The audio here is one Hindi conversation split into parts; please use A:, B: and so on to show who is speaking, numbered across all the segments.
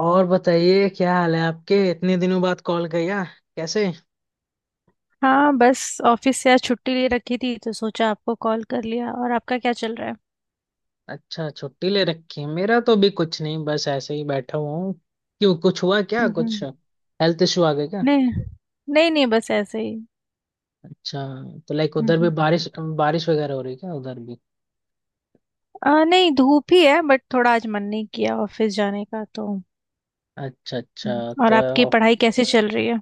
A: और बताइए, क्या हाल है? आपके इतने दिनों बाद कॉल किया, कैसे?
B: हाँ, बस ऑफिस से आज छुट्टी ले रखी थी तो सोचा आपको कॉल कर लिया। और आपका क्या चल रहा है?
A: अच्छा, छुट्टी ले रखी है। मेरा तो भी कुछ नहीं, बस ऐसे ही बैठा हुआ हूँ। क्यों, कुछ हुआ क्या?
B: हम्म।
A: कुछ हेल्थ इशू आ गया क्या?
B: नहीं, नहीं, नहीं, बस ऐसे ही।
A: अच्छा। तो लाइक उधर भी
B: हम्म।
A: बारिश बारिश वगैरह हो रही है क्या, उधर भी?
B: नहीं, धूप ही है बट थोड़ा आज मन नहीं किया ऑफिस जाने का तो।
A: अच्छा अच्छा।
B: हम्म। और आपकी
A: तो
B: पढ़ाई कैसे चल रही है?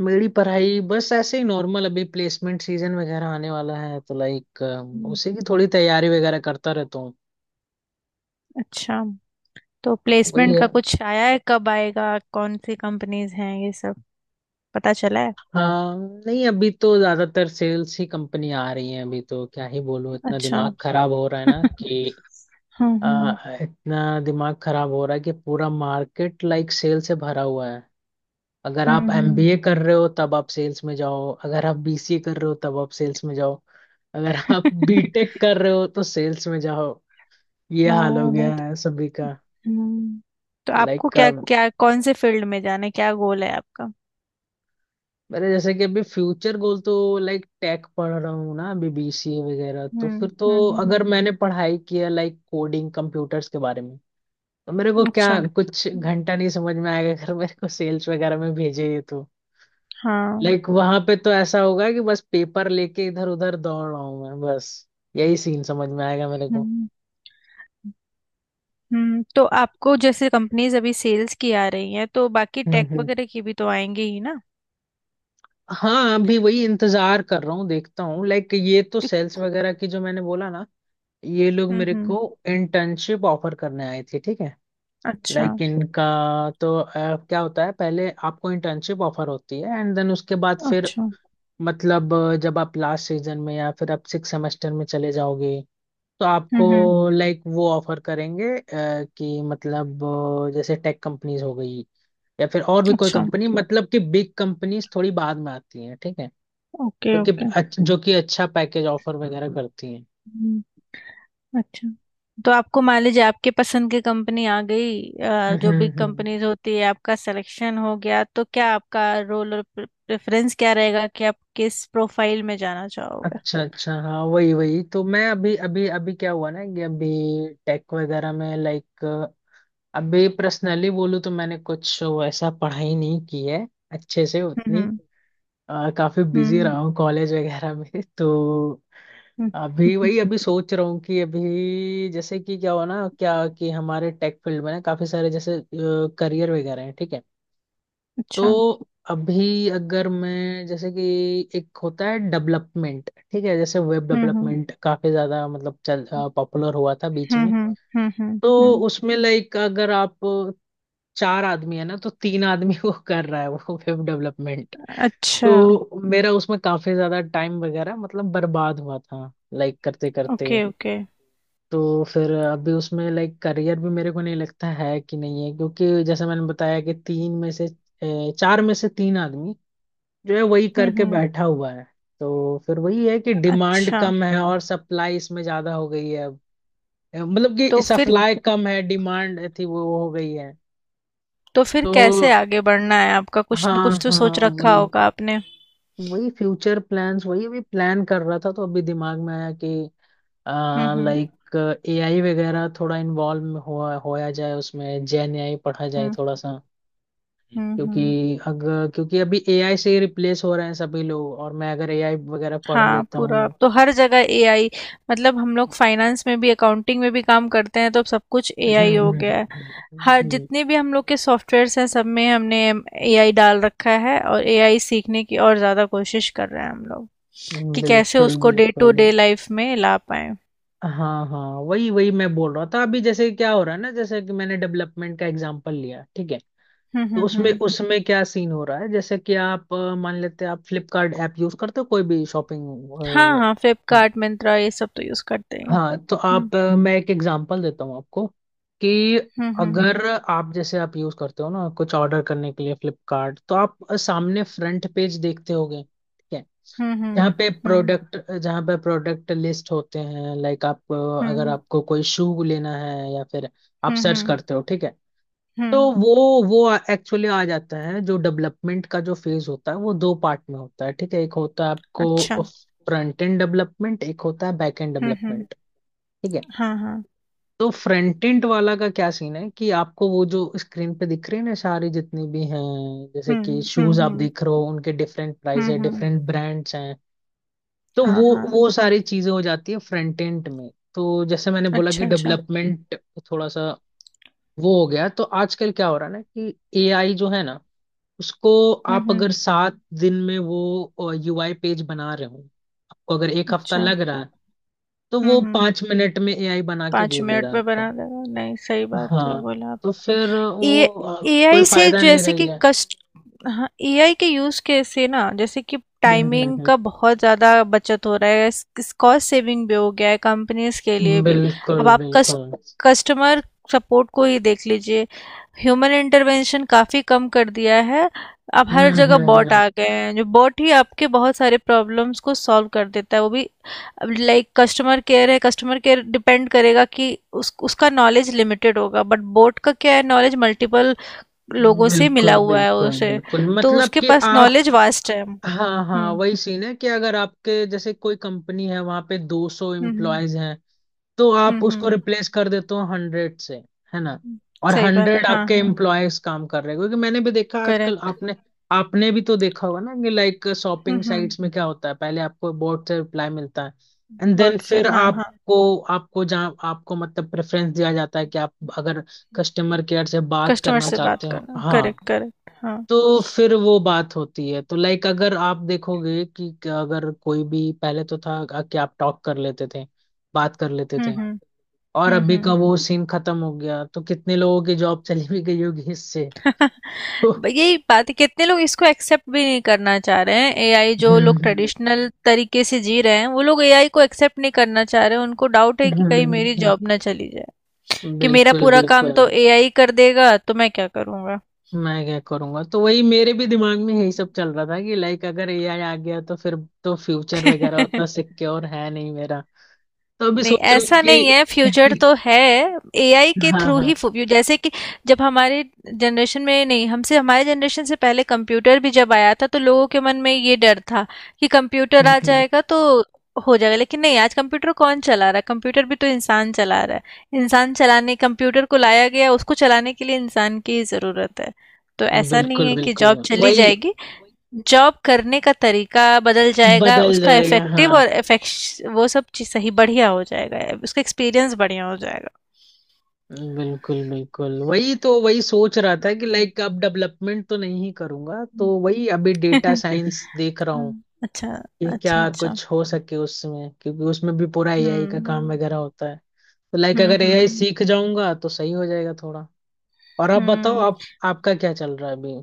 A: मेरी पढ़ाई बस ऐसे ही नॉर्मल। अभी प्लेसमेंट सीजन वगैरह आने वाला है तो लाइक
B: हम्म।
A: उसी की थोड़ी तैयारी वगैरह करता रहता हूँ।
B: अच्छा। तो
A: वही
B: प्लेसमेंट का
A: है।
B: कुछ आया है? कब आएगा? कौन सी कंपनीज हैं ये सब पता चला है?
A: हाँ। नहीं, अभी तो ज्यादातर सेल्स ही कंपनी आ रही है। अभी तो क्या ही बोलूं, इतना
B: अच्छा।
A: दिमाग खराब हो रहा है ना
B: हम्म।
A: कि
B: हम्म।
A: इतना दिमाग खराब हो रहा है कि पूरा मार्केट लाइक सेल से भरा हुआ है। अगर
B: हम्म।
A: आप
B: हम्म।
A: एमबीए कर रहे हो तब आप सेल्स में जाओ, अगर आप बीसीए कर रहे हो तब आप सेल्स में जाओ, अगर आप बीटेक कर रहे हो तो सेल्स में जाओ। ये हाल हो
B: हाँ, नहीं।
A: गया है सभी का।
B: हम्म। तो आपको
A: लाइक
B: क्या क्या, कौन से फील्ड में जाना है? क्या गोल है आपका?
A: मेरे जैसे कि अभी फ्यूचर गोल तो, लाइक टेक पढ़ रहा हूँ ना, अभी बीसीए वगैरह तो
B: हम्म।
A: फिर तो
B: हम्म। हम्म।
A: अगर मैंने पढ़ाई किया लाइक कोडिंग कंप्यूटर्स के बारे में, तो मेरे को क्या
B: अच्छा।
A: कुछ घंटा नहीं समझ में आएगा। अगर मेरे को सेल्स वगैरह में भेजे ये, तो
B: हाँ।
A: लाइक वहां पे तो ऐसा होगा कि बस पेपर लेके इधर उधर दौड़ रहा हूँ मैं, बस यही सीन समझ में आएगा मेरे को।
B: हम्म। हम्म। तो आपको जैसे कंपनीज अभी सेल्स की आ रही हैं तो बाकी टेक
A: हम्म।
B: वगैरह की भी तो आएंगी ही ना।
A: हाँ, अभी वही इंतजार कर रहा हूँ, देखता हूँ। लाइक ये तो सेल्स
B: तो-
A: वगैरह की जो मैंने बोला ना, ये लोग
B: हम्म।
A: मेरे
B: हम्म।
A: को इंटर्नशिप ऑफर करने आए थे, ठीक है।
B: अच्छा।
A: लाइक इनका, तो क्या होता है पहले आपको इंटर्नशिप ऑफर होती है एंड देन उसके बाद फिर,
B: अच्छा।
A: मतलब जब आप लास्ट सीजन में या फिर आप सिक्स सेमेस्टर में चले जाओगे, तो आपको
B: हम्म। हम्म।
A: लाइक वो ऑफर करेंगे, कि मतलब जैसे टेक कंपनीज हो गई या फिर और भी कोई
B: अच्छा।
A: कंपनी, मतलब कि बिग कंपनीज थोड़ी बाद में आती हैं, ठीक है।
B: ओके।
A: तो कि
B: ओके।
A: जो कि अच्छा पैकेज ऑफर वगैरह करती हैं।
B: अच्छा। तो आपको मान लीजिए आपके पसंद की कंपनी आ गई,
A: हम्म
B: जो
A: हम्म
B: बिग
A: हम्म।
B: कंपनीज होती है, आपका सिलेक्शन हो गया, तो क्या आपका रोल और प्रेफरेंस क्या रहेगा कि आप किस प्रोफाइल में जाना चाहोगे?
A: अच्छा अच्छा। हाँ, वही वही तो मैं अभी अभी अभी क्या हुआ ना कि अभी टेक वगैरह में लाइक, अभी पर्सनली बोलूँ तो मैंने कुछ वैसा पढ़ाई नहीं की है अच्छे से उतनी।
B: हम्म।
A: काफी बिजी
B: हम्म।
A: रहा हूँ कॉलेज वगैरह में तो
B: हम्म।
A: अभी
B: हम्म।
A: वही अभी सोच रहा हूँ कि अभी जैसे कि क्या हुआ ना क्या, कि हमारे टेक फील्ड में ना काफी सारे जैसे करियर वगैरह हैं, ठीक है। तो
B: अच्छा।
A: अभी अगर मैं जैसे कि एक होता है डेवलपमेंट, ठीक है, जैसे वेब
B: हम्म। हम्म।
A: डेवलपमेंट काफी ज्यादा मतलब चल पॉपुलर हुआ था बीच में।
B: हम्म। हम्म। हम्म। हम्म।
A: तो
B: हम्म।
A: उसमें लाइक अगर आप चार आदमी है ना तो तीन आदमी वो कर रहा है, वो वेब डेवलपमेंट।
B: अच्छा।
A: तो मेरा उसमें काफी ज्यादा टाइम वगैरह मतलब बर्बाद हुआ था, लाइक करते करते।
B: ओके। ओके।
A: तो फिर अभी उसमें लाइक करियर भी मेरे को नहीं लगता है कि नहीं है, क्योंकि जैसे मैंने बताया कि तीन में से अ, चार में से तीन आदमी जो है वही
B: हम्म।
A: करके
B: हम्म।
A: बैठा हुआ है। तो फिर वही है कि डिमांड
B: अच्छा।
A: कम है और सप्लाई इसमें ज्यादा हो गई है अब। मतलब कि
B: तो फिर
A: सप्लाई कम है, डिमांड थी वो हो गई है।
B: तो फिर कैसे
A: तो
B: आगे बढ़ना है आपका? कुछ न
A: हाँ
B: कुछ तो सोच
A: हाँ,
B: रखा
A: वही
B: होगा आपने।
A: वही फ्यूचर प्लान्स वही अभी प्लान कर रहा था, तो अभी दिमाग में आया कि
B: हम्म। हम्म।
A: लाइक एआई वगैरह थोड़ा इन्वॉल्व हुआ होया जाए उसमें, जेन एआई पढ़ा जाए
B: हम्म।
A: थोड़ा सा।
B: हम्म।
A: क्योंकि
B: हम्म।
A: अगर क्योंकि अभी एआई से ही रिप्लेस हो रहे हैं सभी लोग, और मैं अगर एआई वगैरह पढ़
B: हाँ,
A: लेता
B: पूरा
A: हूँ।
B: अब तो हर जगह एआई। मतलब हम लोग फाइनेंस में भी अकाउंटिंग में भी काम करते हैं तो अब सब कुछ
A: हम्म,
B: एआई हो
A: हम्म,
B: गया है।
A: हम्म,
B: हर
A: हम्म,
B: जितने भी हम लोग के सॉफ्टवेयर्स हैं, सब में हमने एआई डाल रखा है, और एआई सीखने की और ज़्यादा कोशिश कर रहे हैं हम लोग। कि कैसे
A: बिल्कुल
B: उसको डे टू डे
A: बिल्कुल।
B: लाइफ में ला पाए।
A: हाँ हाँ, वही वही मैं बोल रहा था अभी, जैसे क्या हो रहा है ना, जैसे कि मैंने डेवलपमेंट का एग्जांपल लिया, ठीक है।
B: हम्म।
A: तो
B: हम्म।
A: उसमें
B: हम्म।
A: उसमें क्या सीन हो रहा है, जैसे कि आप मान लेते हैं आप फ्लिपकार्ट ऐप यूज करते हो, कोई भी शॉपिंग।
B: हाँ, हाँ, फ्लिपकार्ट, मिंत्रा, ये सब तो यूज़ करते हैं।
A: हाँ। तो
B: हम्म।
A: आप मैं एक एग्जांपल देता हूँ आपको कि
B: हम्म। हम्म।
A: अगर आप जैसे आप यूज करते हो ना कुछ ऑर्डर करने के लिए फ्लिपकार्ट, तो आप सामने फ्रंट पेज देखते होगे, ठीक है।
B: हम्म। हम्म।
A: जहाँ पे प्रोडक्ट लिस्ट होते हैं, लाइक आप अगर
B: हम्म।
A: आपको कोई शू लेना है या फिर आप
B: हम्म। हम्म।
A: सर्च
B: हम्म।
A: करते हो, ठीक है। तो
B: हम्म।
A: वो एक्चुअली आ जाता है। जो डेवलपमेंट का जो फेज होता है वो दो पार्ट में होता है, ठीक है। एक होता है
B: अच्छा।
A: आपको फ्रंट एंड डेवलपमेंट, एक होता है बैक एंड
B: हम्म। हम्म।
A: डेवलपमेंट। ठीक है।
B: हाँ। हाँ।
A: तो फ्रंट एंड वाला का क्या सीन है कि आपको वो जो स्क्रीन पे दिख रहे हैं ना सारे जितने भी हैं, जैसे कि
B: हम्म। हम्म।
A: शूज आप
B: हम्म।
A: देख रहे हो, उनके डिफरेंट प्राइस
B: हुँ।
A: है
B: हुँ।
A: डिफरेंट ब्रांड्स हैं। तो वो
B: हाँ। हाँ।
A: वो सारी चीजें हो जाती है फ्रंट एंड में। तो जैसे मैंने बोला कि
B: अच्छा। अच्छा।
A: डेवलपमेंट थोड़ा सा वो हो गया। तो आजकल क्या हो रहा है ना कि एआई जो है ना उसको,
B: हुँ।
A: आप अगर
B: हुँ।
A: 7 दिन में वो यूआई पेज बना रहे हो, आपको अगर एक हफ्ता
B: अच्छा।
A: लग रहा है, तो
B: हुँ।
A: वो
B: हुँ।
A: 5 मिनट में एआई बना के
B: 5
A: दे दे रहा
B: मिनट
A: है
B: में बना
A: आपको।
B: देगा। नहीं, सही बात है,
A: हाँ।
B: बोला।
A: तो फिर वो
B: ए
A: कोई
B: एआई से
A: फायदा नहीं
B: जैसे
A: रही
B: कि
A: है।
B: कस्ट हाँ, एआई के यूज कैसे ना, जैसे कि
A: हम्म
B: टाइमिंग
A: हम्म
B: का बहुत ज़्यादा बचत हो रहा है, इस कॉस्ट सेविंग भी हो गया है कंपनीज के
A: हम्म।
B: लिए भी। अब
A: बिल्कुल
B: आप
A: बिल्कुल।
B: कस्टमर सपोर्ट को ही देख लीजिए। ह्यूमन इंटरवेंशन काफ़ी कम कर दिया है। अब हर
A: हम्म
B: जगह बॉट
A: हम्म
B: आ गए हैं, जो बॉट ही आपके बहुत सारे प्रॉब्लम्स को सॉल्व कर देता है, वो भी। अब लाइक कस्टमर केयर है, कस्टमर केयर डिपेंड करेगा कि उस उसका नॉलेज लिमिटेड होगा, बट बोट का क्या है, नॉलेज मल्टीपल
A: हम्म।
B: लोगों से मिला
A: बिल्कुल
B: हुआ है
A: बिल्कुल
B: उसे।
A: बिल्कुल।
B: तो
A: मतलब
B: उसके
A: कि
B: पास
A: आप,
B: नॉलेज वास्ट है।
A: हाँ हाँ,
B: हम्म।
A: वही सीन है कि अगर आपके जैसे कोई कंपनी है वहां पे 200
B: हम्म।
A: एम्प्लॉयज हैं, तो
B: हम्म।
A: आप उसको
B: हम्म।
A: रिप्लेस कर देते हो 100 से, है ना।
B: हम्म।
A: और
B: सही बात,
A: 100
B: हाँ,
A: आपके
B: हाँ।
A: एम्प्लॉयज काम कर रहे हैं, क्योंकि मैंने भी देखा आजकल,
B: करेक्ट।
A: आपने आपने भी तो देखा होगा ना कि लाइक
B: हम्म।
A: शॉपिंग
B: हम्म।
A: साइट्स में क्या होता है, पहले आपको बोर्ड से रिप्लाई मिलता है एंड देन
B: बोट से,
A: फिर
B: हाँ, हाँ।
A: आपको आपको जहाँ आपको मतलब प्रेफरेंस दिया जाता है कि आप अगर कस्टमर केयर से बात
B: कस्टमर
A: करना
B: से
A: चाहते
B: बात
A: हो,
B: करना,
A: हाँ।
B: करेक्ट, करेक्ट, हाँ।
A: तो फिर वो बात होती है, तो लाइक अगर आप देखोगे कि अगर कोई भी पहले तो था कि आप टॉक कर लेते थे, बात कर लेते
B: हम्म।
A: थे,
B: हम्म।
A: और
B: हम्म।
A: अभी का
B: हम्म।
A: वो सीन खत्म हो गया। तो कितने लोगों की जॉब चली भी गई होगी इससे तो
B: यही बात है, कितने लोग इसको एक्सेप्ट भी नहीं करना चाह रहे हैं एआई। जो लोग
A: हम्म
B: ट्रेडिशनल तरीके से जी रहे हैं वो लोग एआई को एक्सेप्ट नहीं करना चाह रहे हैं, उनको डाउट है
A: हम्म
B: कि कहीं
A: हम्म,
B: मेरी
A: हम्म,
B: जॉब ना चली जाए। कि मेरा
A: बिल्कुल
B: पूरा काम
A: बिल्कुल।
B: तो एआई कर देगा तो मैं क्या करूंगा?
A: मैं क्या करूंगा, तो वही मेरे भी दिमाग में यही सब चल रहा था कि लाइक अगर एआई आ गया तो फिर, तो फ्यूचर वगैरह उतना सिक्योर है नहीं मेरा। तो अभी
B: नहीं,
A: सोच रहा हूँ
B: ऐसा नहीं है, फ्यूचर
A: कि
B: तो है। एआई के
A: हाँ
B: थ्रू
A: हाँ।
B: ही जैसे कि जब हमारे जनरेशन में नहीं, हमसे, हमारे जनरेशन से पहले कंप्यूटर भी जब आया था तो लोगों के मन में ये डर था कि कंप्यूटर आ
A: हम्म,
B: जाएगा तो हो जाएगा, लेकिन नहीं, आज कंप्यूटर कौन चला रहा है? कंप्यूटर भी तो इंसान चला रहा है। इंसान चलाने कंप्यूटर को लाया गया, उसको चलाने के लिए इंसान की ही जरूरत है। तो ऐसा नहीं
A: बिल्कुल
B: है कि जॉब
A: बिल्कुल
B: चली
A: वही
B: जाएगी। जॉब करने का तरीका बदल जाएगा,
A: बदल
B: उसका
A: जाएगा,
B: इफेक्टिव
A: हाँ।
B: और इफेक्श वो सब चीज़ सही बढ़िया हो जाएगा, उसका एक्सपीरियंस बढ़िया हो जाएगा।
A: बिल्कुल बिल्कुल वही तो वही सोच रहा था
B: हुँ।
A: कि
B: हुँ।
A: लाइक अब डेवलपमेंट तो नहीं करूंगा, तो वही अभी
B: हुँ।
A: डेटा साइंस देख रहा हूँ
B: हुँ। अच्छा,
A: कि क्या
B: अच्छा, अच्छा।
A: कुछ हो सके उसमें, क्योंकि उसमें भी पूरा एआई का काम
B: हुँ।
A: वगैरह होता है। तो लाइक
B: हुँ।
A: अगर एआई
B: हुँ।
A: सीख जाऊंगा तो सही हो जाएगा थोड़ा। और आप बताओ
B: हुँ।
A: आप, आपका क्या चल रहा है अभी?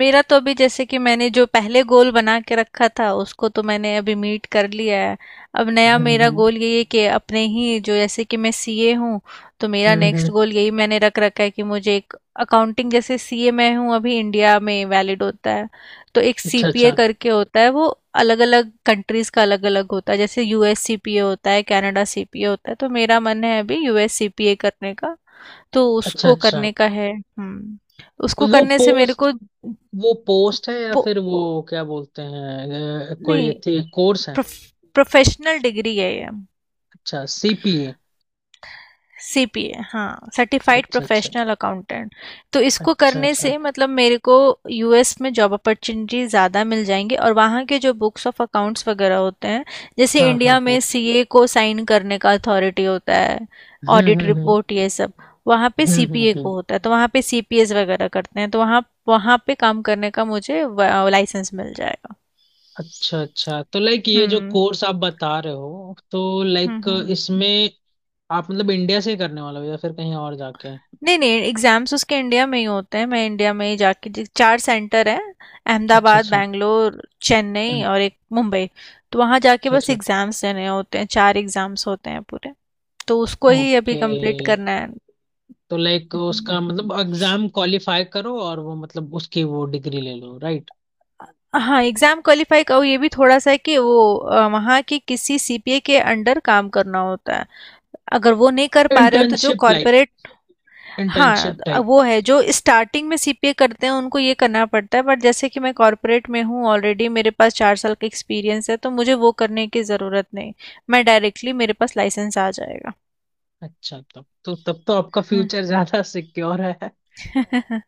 B: मेरा तो अभी जैसे कि मैंने जो पहले गोल बना के रखा था, उसको तो मैंने अभी मीट कर लिया है। अब नया
A: हम्म
B: मेरा गोल
A: हम्म
B: यही है कि अपने ही जो, जैसे कि मैं सीए हूँ, तो मेरा
A: हम्म
B: नेक्स्ट
A: हम्म।
B: गोल यही मैंने रख रखा है कि मुझे एक अकाउंटिंग, जैसे सीए मैं हूँ अभी इंडिया में वैलिड होता है, तो एक
A: अच्छा
B: सीपीए
A: अच्छा।
B: करके होता है वो। अलग अलग कंट्रीज का अलग अलग होता है, जैसे यूएस सीपीए होता है, कनाडा सीपीए होता है, तो मेरा मन है अभी यूएस सीपीए करने का। तो
A: अच्छा
B: उसको
A: अच्छा।
B: करने का है। हम्म।
A: तो
B: उसको
A: वो
B: करने से मेरे
A: पोस्ट,
B: को,
A: वो पोस्ट है या
B: पो-
A: फिर वो क्या बोलते हैं, कोई
B: नहीं,
A: थी कोर्स है?
B: प्रोफेशनल डिग्री है ये।
A: अच्छा, सीपीए।
B: सीपीए, हाँ, सर्टिफाइड
A: अच्छा अच्छा।
B: Professional accountant. तो इसको
A: अच्छा
B: करने
A: अच्छा।
B: से मतलब मेरे को यूएस में जॉब अपॉर्चुनिटी ज़्यादा मिल जाएंगी, और वहाँ के जो बुक्स ऑफ अकाउंट्स वगैरह होते हैं, जैसे
A: हाँ
B: इंडिया
A: हाँ हाँ।
B: में सीए को साइन करने का अथॉरिटी होता है, ऑडिट
A: हम्म।
B: रिपोर्ट ये सब, वहाँ पे
A: हम्म हम्म
B: सीपीए
A: हम्म।
B: को होता है, तो वहाँ पे सीपीएस वगैरह करते हैं, तो वहाँ, वहाँ पे काम करने का मुझे लाइसेंस मिल जाएगा।
A: अच्छा अच्छा। तो लाइक ये जो
B: हम्म।
A: कोर्स आप बता रहे हो, तो
B: हम्म।
A: लाइक
B: हम्म।
A: इसमें आप मतलब इंडिया से ही करने वाले हो या फिर कहीं और जाके?
B: नहीं, नहीं, एग्जाम्स उसके इंडिया में ही होते हैं, मैं इंडिया में ही जाके चार सेंटर हैं:
A: अच्छा
B: अहमदाबाद,
A: अच्छा।
B: बैंगलोर, चेन्नई
A: हम्म,
B: और एक मुंबई। तो वहाँ जाके
A: अच्छा
B: बस
A: अच्छा।
B: एग्जाम्स देने होते हैं, चार एग्जाम्स होते हैं पूरे। तो उसको ही अभी
A: ओके।
B: कंप्लीट करना है।
A: तो लाइक
B: हम्म।
A: उसका मतलब एग्जाम क्वालिफाई करो और वो मतलब उसकी वो डिग्री ले लो, राइट?
B: हाँ, एग्जाम क्वालिफाई का ये भी थोड़ा सा है कि वो, वहाँ की किसी सीपीए के अंडर काम करना होता है, अगर वो नहीं कर पा रहे हो तो जो।
A: इंटर्नशिप लाइक,
B: हाँ,
A: इंटर्नशिप टाइप।
B: वो है, जो स्टार्टिंग में सीपीए करते हैं उनको ये करना पड़ता है, बट जैसे कि मैं कॉर्पोरेट में हूँ ऑलरेडी, मेरे पास 4 साल का एक्सपीरियंस है, तो मुझे वो करने की ज़रूरत नहीं। मैं डायरेक्टली, मेरे पास लाइसेंस आ जाएगा।
A: अच्छा, तो तब तो आपका
B: हम्म।
A: फ्यूचर ज्यादा सिक्योर है।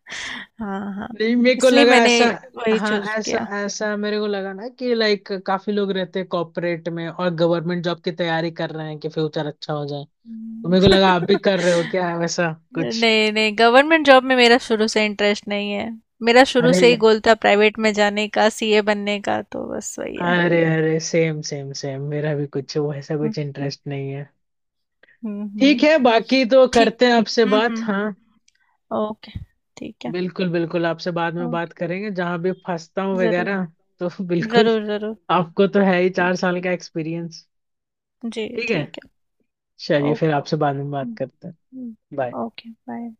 B: हाँ, हाँ,
A: नहीं, मेरे को
B: इसलिए
A: लगा
B: मैंने
A: ऐसा।
B: वही
A: हाँ,
B: चूज
A: ऐसा
B: किया।
A: ऐसा मेरे को लगा ना कि लाइक काफी लोग रहते हैं कॉर्पोरेट में और गवर्नमेंट जॉब की तैयारी कर रहे हैं कि फ्यूचर अच्छा हो जाए। तो
B: हम्म।
A: मेरे को लगा आप भी कर रहे हो, क्या है वैसा कुछ?
B: नहीं, नहीं, गवर्नमेंट जॉब में मेरा शुरू से इंटरेस्ट नहीं है। मेरा शुरू
A: अरे
B: से ही गोल था प्राइवेट में जाने का, सीए बनने का, तो बस वही है।
A: अरे अरे, सेम सेम सेम, मेरा भी कुछ वैसा
B: हम्म।
A: कुछ इंटरेस्ट नहीं है।
B: हम्म।
A: ठीक
B: हम्म।
A: है, बाकी तो
B: ठीक।
A: करते हैं आपसे
B: हम्म।
A: बात,
B: हम्म।
A: हाँ।
B: ओके। ठीक है।
A: बिल्कुल बिल्कुल, आपसे बाद में बात
B: ओके।
A: करेंगे जहां भी फंसता हूँ
B: जरूर,
A: वगैरह, तो बिल्कुल,
B: जरूर, जरूर।
A: आपको तो है ही
B: ठीक,
A: 4 साल का एक्सपीरियंस।
B: जी,
A: ठीक है,
B: ठीक है।
A: चलिए फिर
B: ओके।
A: आपसे बाद में बात
B: हम्म।
A: करते हैं।
B: हम्म।
A: बाय।
B: Okay, bye.